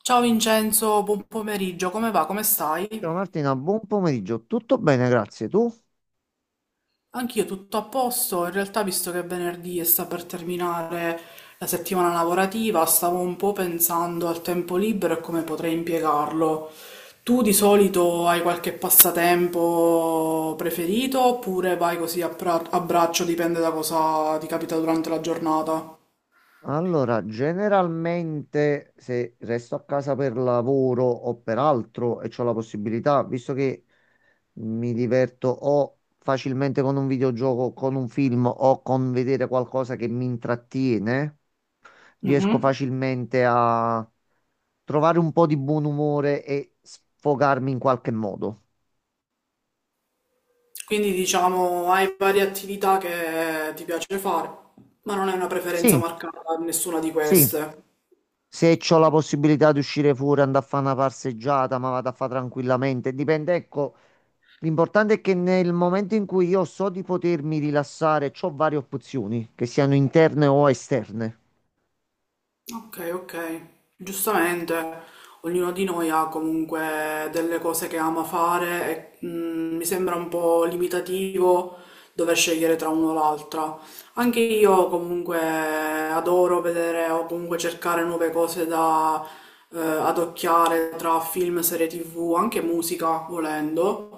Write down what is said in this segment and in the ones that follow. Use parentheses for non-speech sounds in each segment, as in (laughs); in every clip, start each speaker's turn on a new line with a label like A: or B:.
A: Ciao Vincenzo, buon pomeriggio, come va? Come stai?
B: Ciao Martina, buon pomeriggio. Tutto bene, grazie. Tu?
A: Anch'io tutto a posto, in realtà visto che è venerdì e sta per terminare la settimana lavorativa, stavo un po' pensando al tempo libero e come potrei impiegarlo. Tu di solito hai qualche passatempo preferito oppure vai così a, a braccio, dipende da cosa ti capita durante la giornata?
B: Allora, generalmente se resto a casa per lavoro o per altro e ho la possibilità, visto che mi diverto o facilmente con un videogioco, con un film o con vedere qualcosa che mi intrattiene, riesco facilmente a trovare un po' di buon umore e sfogarmi in qualche modo.
A: Quindi diciamo hai varie attività che ti piace fare, ma non hai una preferenza
B: Sì,
A: marcata in nessuna di
B: sì.
A: queste.
B: Se ho la possibilità di uscire fuori, andare a fare una passeggiata, ma vado a fare tranquillamente. Dipende, ecco, l'importante è che nel momento in cui io so di potermi rilassare, ho varie opzioni, che siano interne o esterne.
A: Ok, ok. Giustamente, ognuno di noi ha comunque delle cose che ama fare e mi sembra un po' limitativo dover scegliere tra uno o l'altra. Anche io comunque adoro vedere o comunque cercare nuove cose da adocchiare tra film, serie TV, anche musica, volendo.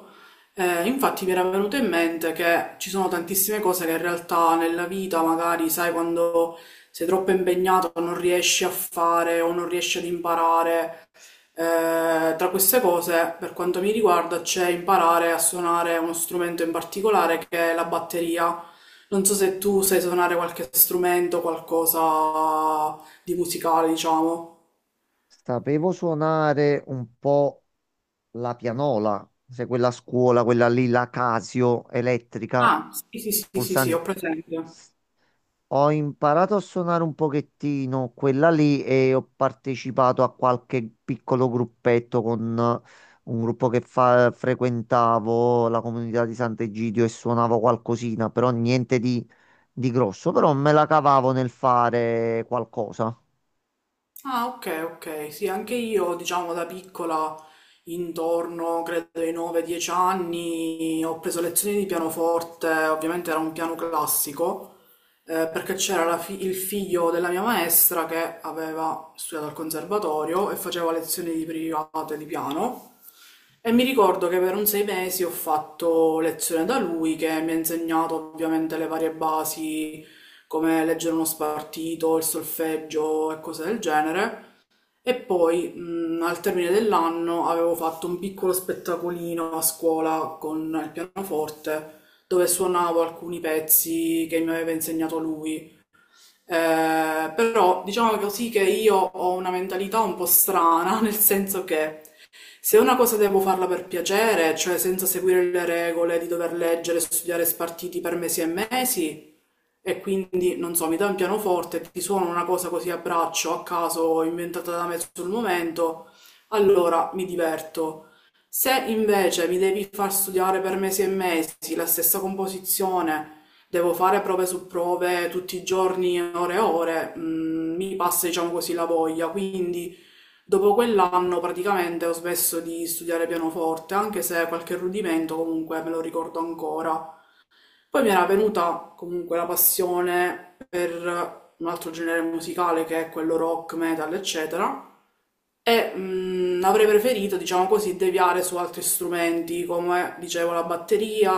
A: Infatti mi era venuto in mente che ci sono tantissime cose che in realtà nella vita, magari, sai, quando sei troppo impegnato, non riesci a fare o non riesci ad imparare. Tra queste cose, per quanto mi riguarda, c'è imparare a suonare uno strumento in particolare che è la batteria. Non so se tu sai suonare qualche strumento, qualcosa di musicale, diciamo.
B: Sapevo suonare un po' la pianola, se quella a scuola, quella lì, la Casio elettrica,
A: Ah, sì, sì, sì, sì, sì, ho
B: pulsanti.
A: presente.
B: Ho imparato a suonare un pochettino quella lì e ho partecipato a qualche piccolo gruppetto con un gruppo che frequentavo, la comunità di Sant'Egidio e suonavo qualcosina, però niente di, di grosso, però me la cavavo nel fare qualcosa.
A: Ah, ok, ok. Sì, anche io, diciamo, da piccola, intorno, credo ai 9-10 anni, ho preso lezioni di pianoforte, ovviamente era un piano classico, perché c'era la il figlio della mia maestra che aveva studiato al conservatorio e faceva lezioni di private di piano. E mi ricordo che per un 6 mesi ho fatto lezione da lui, che mi ha insegnato ovviamente le varie basi, come leggere uno spartito, il solfeggio e cose del genere. E poi, al termine dell'anno, avevo fatto un piccolo spettacolino a scuola con il pianoforte, dove suonavo alcuni pezzi che mi aveva insegnato lui. Però diciamo così che io ho una mentalità un po' strana, (laughs) nel senso che se una cosa devo farla per piacere, cioè senza seguire le regole di dover leggere, e studiare spartiti per mesi e mesi, e quindi, non so, mi dai un pianoforte, e ti suono una cosa così a braccio, a caso, inventata da me sul momento, allora mi diverto. Se invece mi devi far studiare per mesi e mesi la stessa composizione, devo fare prove su prove tutti i giorni, ore e ore, mi passa, diciamo così, la voglia. Quindi, dopo quell'anno praticamente ho smesso di studiare pianoforte, anche se qualche rudimento comunque me lo ricordo ancora. Poi mi era venuta comunque la passione per un altro genere musicale che è quello rock, metal, eccetera, e avrei preferito, diciamo così, deviare su altri strumenti come, dicevo, la batteria,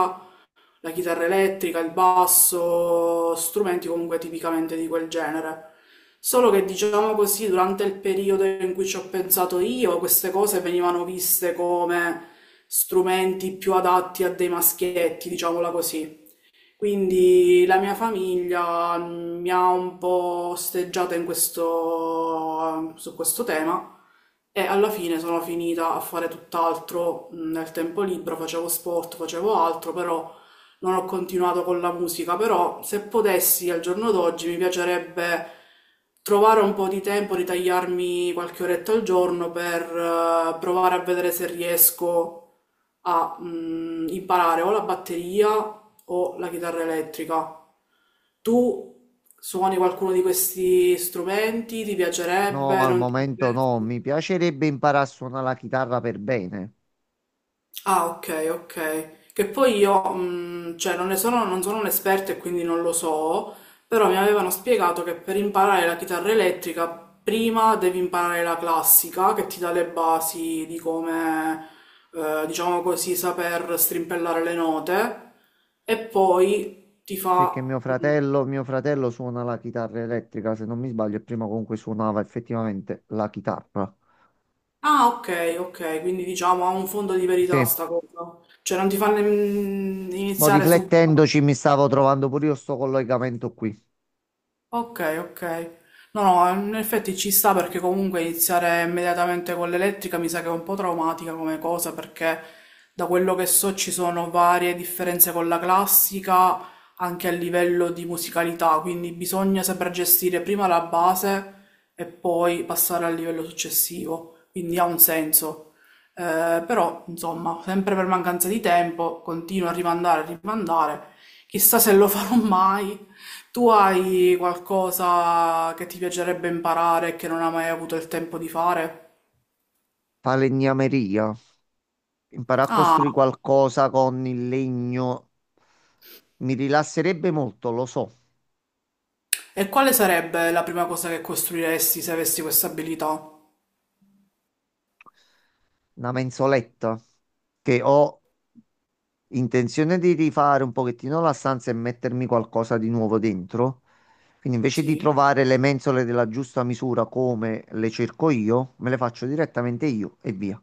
A: la chitarra elettrica, il basso, strumenti comunque tipicamente di quel genere. Solo che, diciamo così, durante il periodo in cui ci ho pensato io, queste cose venivano viste come strumenti più adatti a dei maschietti, diciamola così. Quindi la mia famiglia mi ha un po' osteggiata in questo, su questo tema e alla fine sono finita a fare tutt'altro nel tempo libero, facevo sport, facevo altro, però non ho continuato con la musica, però se potessi al giorno d'oggi mi piacerebbe trovare un po' di tempo, ritagliarmi qualche oretta al giorno per provare a vedere se riesco a imparare o la batteria o la chitarra elettrica. Tu suoni qualcuno di questi strumenti? Ti
B: No,
A: piacerebbe?
B: al
A: Non ti
B: momento
A: piacerebbe?
B: no, mi piacerebbe imparare a suonare la chitarra per bene,
A: Ah, ok, ok. Che poi io, cioè, non sono un'esperta e quindi non lo so, però mi avevano spiegato che per imparare la chitarra elettrica prima devi imparare la classica, che ti dà le basi di come, diciamo così, saper strimpellare le note, e poi ti
B: perché
A: fa.
B: mio fratello suona la chitarra elettrica, se non mi sbaglio, e prima comunque suonava effettivamente la chitarra.
A: Ah, ok, ok, quindi diciamo ha un fondo di verità
B: Sì.
A: sta cosa. Cioè, non ti fa
B: Mo'
A: iniziare subito.
B: riflettendoci mi stavo trovando pure io sto collegamento qui.
A: Ok, ok. No, no, in effetti ci sta perché comunque iniziare immediatamente con l'elettrica mi sa che è un po' traumatica come cosa perché da quello che so ci sono varie differenze con la classica anche a livello di musicalità, quindi bisogna saper gestire prima la base e poi passare al livello successivo, quindi ha un senso. Però, insomma, sempre per mancanza di tempo continuo a rimandare, a rimandare. Chissà se lo farò mai tu hai qualcosa che ti piacerebbe imparare e che non hai mai avuto il tempo di fare?
B: Falegnameria. Imparare a
A: Ah,
B: costruire qualcosa con il legno mi rilasserebbe molto, lo so.
A: e quale sarebbe la prima cosa che costruiresti se avessi questa abilità?
B: Una mensoletta che ho intenzione di rifare un pochettino la stanza e mettermi qualcosa di nuovo dentro. Quindi invece di
A: Sì.
B: trovare le mensole della giusta misura come le cerco io, me le faccio direttamente io e via.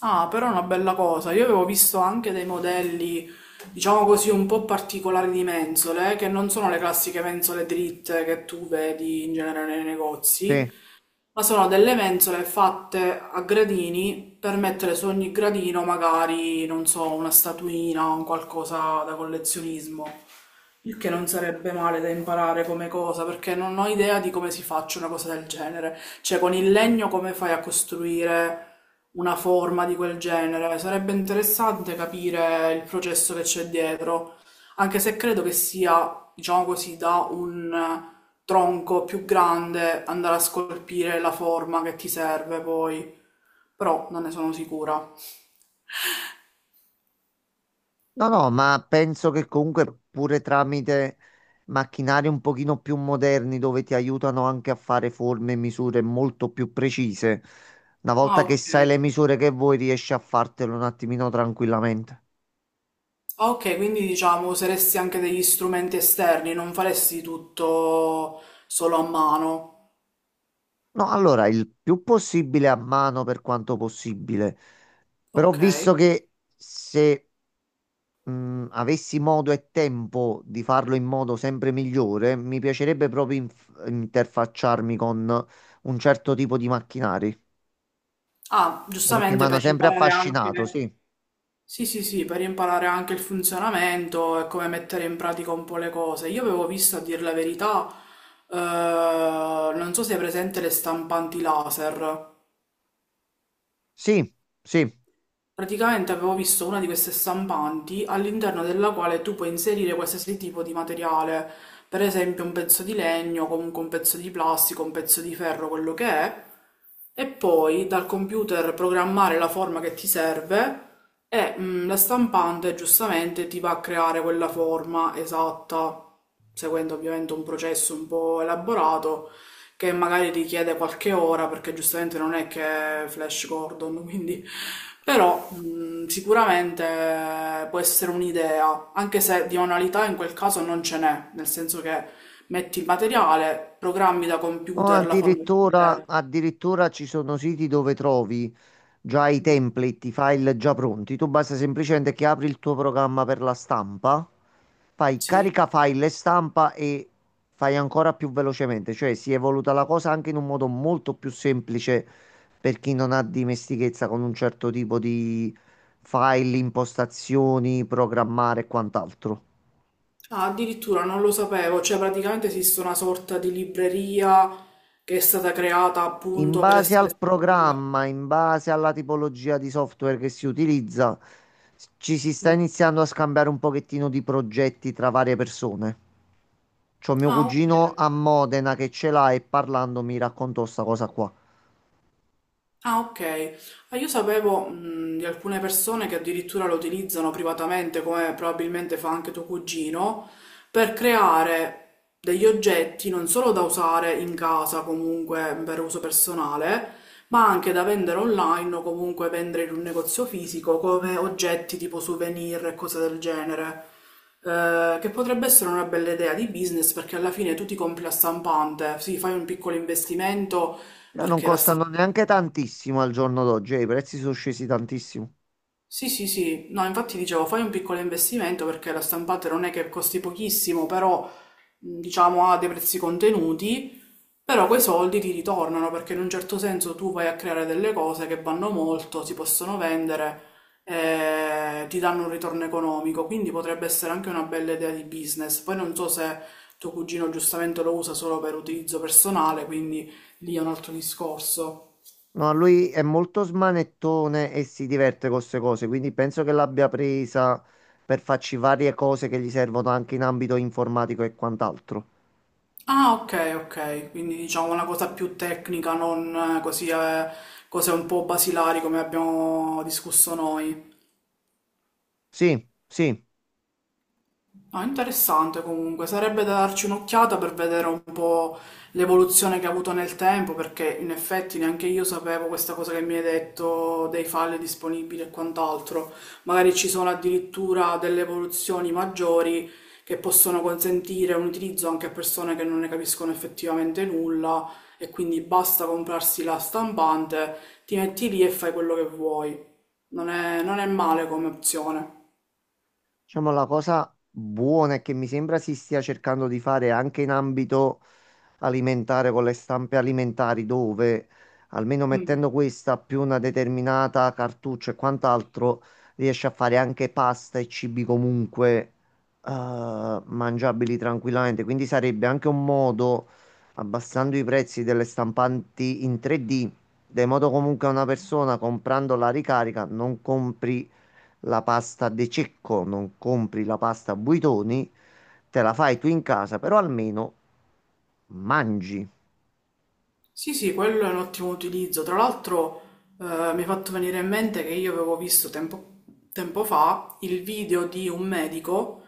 A: Ah, però è una bella cosa. Io avevo visto anche dei modelli, diciamo così, un po' particolari di mensole, che non sono le classiche mensole dritte che tu vedi in genere nei
B: Sì.
A: negozi, ma sono delle mensole fatte a gradini per mettere su ogni gradino magari, non so, una statuina o un qualcosa da collezionismo. Il che non sarebbe male da imparare come cosa, perché non ho idea di come si faccia una cosa del genere. Cioè, con il legno come fai a costruire una forma di quel genere? Sarebbe interessante capire il processo che c'è dietro, anche se credo che sia, diciamo così, da un tronco più grande andare a scolpire la forma che ti serve poi, però non ne sono sicura.
B: No, no, ma penso che comunque pure tramite macchinari un pochino più moderni dove ti aiutano anche a fare forme e misure molto più precise, una volta
A: Ah,
B: che
A: ok.
B: sai le misure che vuoi riesci a fartelo un attimino tranquillamente.
A: Ah, ok, quindi diciamo useresti anche degli strumenti esterni, non faresti tutto solo a mano.
B: No, allora il più possibile a mano per quanto possibile, però
A: Ok.
B: visto che se avessi modo e tempo di farlo in modo sempre migliore, mi piacerebbe proprio interfacciarmi con un certo tipo di macchinari.
A: Ah,
B: Perché mi
A: giustamente
B: hanno
A: per
B: sempre
A: imparare
B: affascinato,
A: anche...
B: sì.
A: Sì, sì, sì, per imparare anche il funzionamento e come mettere in pratica un po' le cose. Io avevo visto, a dir la verità, eh, non so se è presente le stampanti laser.
B: Sì, sì.
A: Praticamente avevo visto una di queste stampanti all'interno della quale tu puoi inserire qualsiasi tipo di materiale, per esempio un pezzo di legno, comunque un pezzo di plastica, un pezzo di ferro, quello che è, e poi dal computer programmare la forma che ti serve e la stampante giustamente ti va a creare quella forma esatta, seguendo ovviamente un processo un po' elaborato che magari richiede qualche ora perché giustamente non è che è Flash Gordon, (laughs) quindi però sicuramente può essere un'idea, anche se di manualità in quel caso non ce n'è, nel senso che metti il materiale, programmi da
B: O
A: computer la forma che ti serve.
B: addirittura ci sono siti dove trovi già i
A: Mm,
B: template, i file già pronti. Tu basta semplicemente che apri il tuo programma per la stampa, fai
A: Sì.
B: carica file e stampa e fai ancora più velocemente. Cioè si è evoluta la cosa anche in un modo molto più semplice per chi non ha dimestichezza con un certo tipo di file, impostazioni, programmare e quant'altro.
A: Ah, addirittura non lo sapevo, cioè praticamente esiste una sorta di libreria che è stata creata
B: In
A: appunto per
B: base
A: essere...
B: al programma, in base alla tipologia di software che si utilizza, ci si sta
A: Mm.
B: iniziando a scambiare un pochettino di progetti tra varie persone. C'ho mio
A: Ah, ok.
B: cugino
A: Ok.
B: a Modena che ce l'ha e parlando mi raccontò sta cosa qua.
A: Ah, ok. Ah, io sapevo, di alcune persone che addirittura lo utilizzano privatamente, come probabilmente fa anche tuo cugino, per creare degli oggetti non solo da usare in casa, comunque per uso personale, ma anche da vendere online o comunque vendere in un negozio fisico come oggetti tipo souvenir e cose del genere. Che potrebbe essere una bella idea di business perché alla fine tu ti compri la stampante, sì, fai un piccolo investimento
B: Non
A: perché la
B: costano neanche tantissimo al giorno d'oggi, i prezzi sono scesi tantissimo.
A: Sì, sì, sì, no, infatti dicevo, fai un piccolo investimento perché la stampante non è che costi pochissimo, però diciamo ha dei prezzi contenuti, però quei soldi ti ritornano perché in un certo senso tu vai a creare delle cose che vanno molto, si possono vendere, ti danno un ritorno economico, quindi potrebbe essere anche una bella idea di business. Poi non so se tuo cugino giustamente lo usa solo per utilizzo personale, quindi lì è un altro discorso.
B: No, lui è molto smanettone e si diverte con queste cose, quindi penso che l'abbia presa per farci varie cose che gli servono anche in ambito informatico e quant'altro.
A: Ah, ok, ok, quindi diciamo una cosa più tecnica, non così cose un po' basilari come abbiamo discusso noi.
B: Sì, sì,
A: No, interessante comunque, sarebbe da darci un'occhiata per vedere un po' l'evoluzione che ha avuto nel tempo, perché in effetti neanche io sapevo questa cosa che mi hai detto dei file disponibili e quant'altro. Magari ci sono addirittura delle evoluzioni maggiori che possono consentire un utilizzo anche a persone che non ne capiscono effettivamente nulla e quindi basta comprarsi la stampante, ti metti lì e fai quello che vuoi. Non è male come opzione.
B: diciamo la cosa buona è che mi sembra si stia cercando di fare anche in ambito alimentare con le stampe alimentari dove almeno
A: Mm.
B: mettendo questa più una determinata cartuccia e quant'altro riesce a fare anche pasta e cibi comunque mangiabili tranquillamente. Quindi sarebbe anche un modo, abbassando i prezzi delle stampanti in 3D, de modo comunque a una persona comprando la ricarica non compri la pasta De Cecco, non compri la pasta Buitoni, te la fai tu in casa, però almeno mangi.
A: Sì, sì, quello è un ottimo utilizzo. Tra l'altro, mi è fatto venire in mente che io avevo visto tempo fa il video di un medico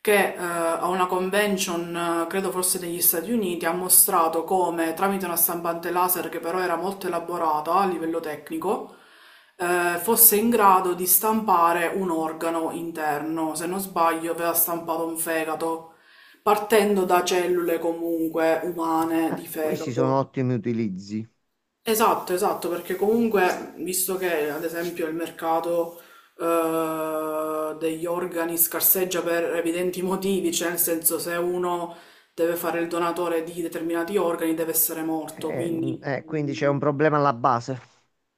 A: che a una convention, credo forse negli Stati Uniti, ha mostrato come tramite una stampante laser che però era molto elaborata a livello tecnico, fosse in grado di stampare un organo interno. Se non sbaglio, aveva stampato un fegato, partendo da cellule comunque umane di
B: Questi sono
A: fegato.
B: ottimi utilizzi.
A: Esatto, esatto, perché comunque, visto che ad esempio il mercato degli organi scarseggia per evidenti motivi, cioè nel senso se uno deve fare il donatore di determinati organi deve essere morto, quindi
B: Quindi c'è un problema alla base.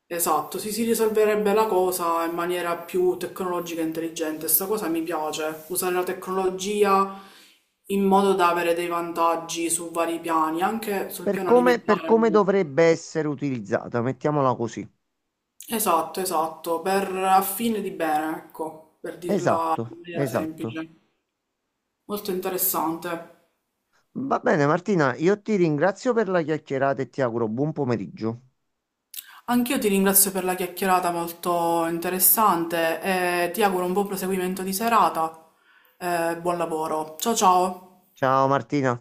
A: esatto, si risolverebbe la cosa in maniera più tecnologica e intelligente. Sta cosa mi piace, usare la tecnologia in modo da avere dei vantaggi su vari piani, anche sul piano
B: Per
A: alimentare.
B: come dovrebbe essere utilizzata, mettiamola così.
A: Esatto, esatto, per a fine di bene, ecco, per dirla
B: Esatto,
A: in maniera
B: esatto.
A: semplice. Molto interessante.
B: Va bene Martina, io ti ringrazio per la chiacchierata e ti auguro buon pomeriggio.
A: Anch'io ti ringrazio per la chiacchierata molto interessante e ti auguro un buon proseguimento di serata. Buon lavoro. Ciao ciao.
B: Ciao Martina.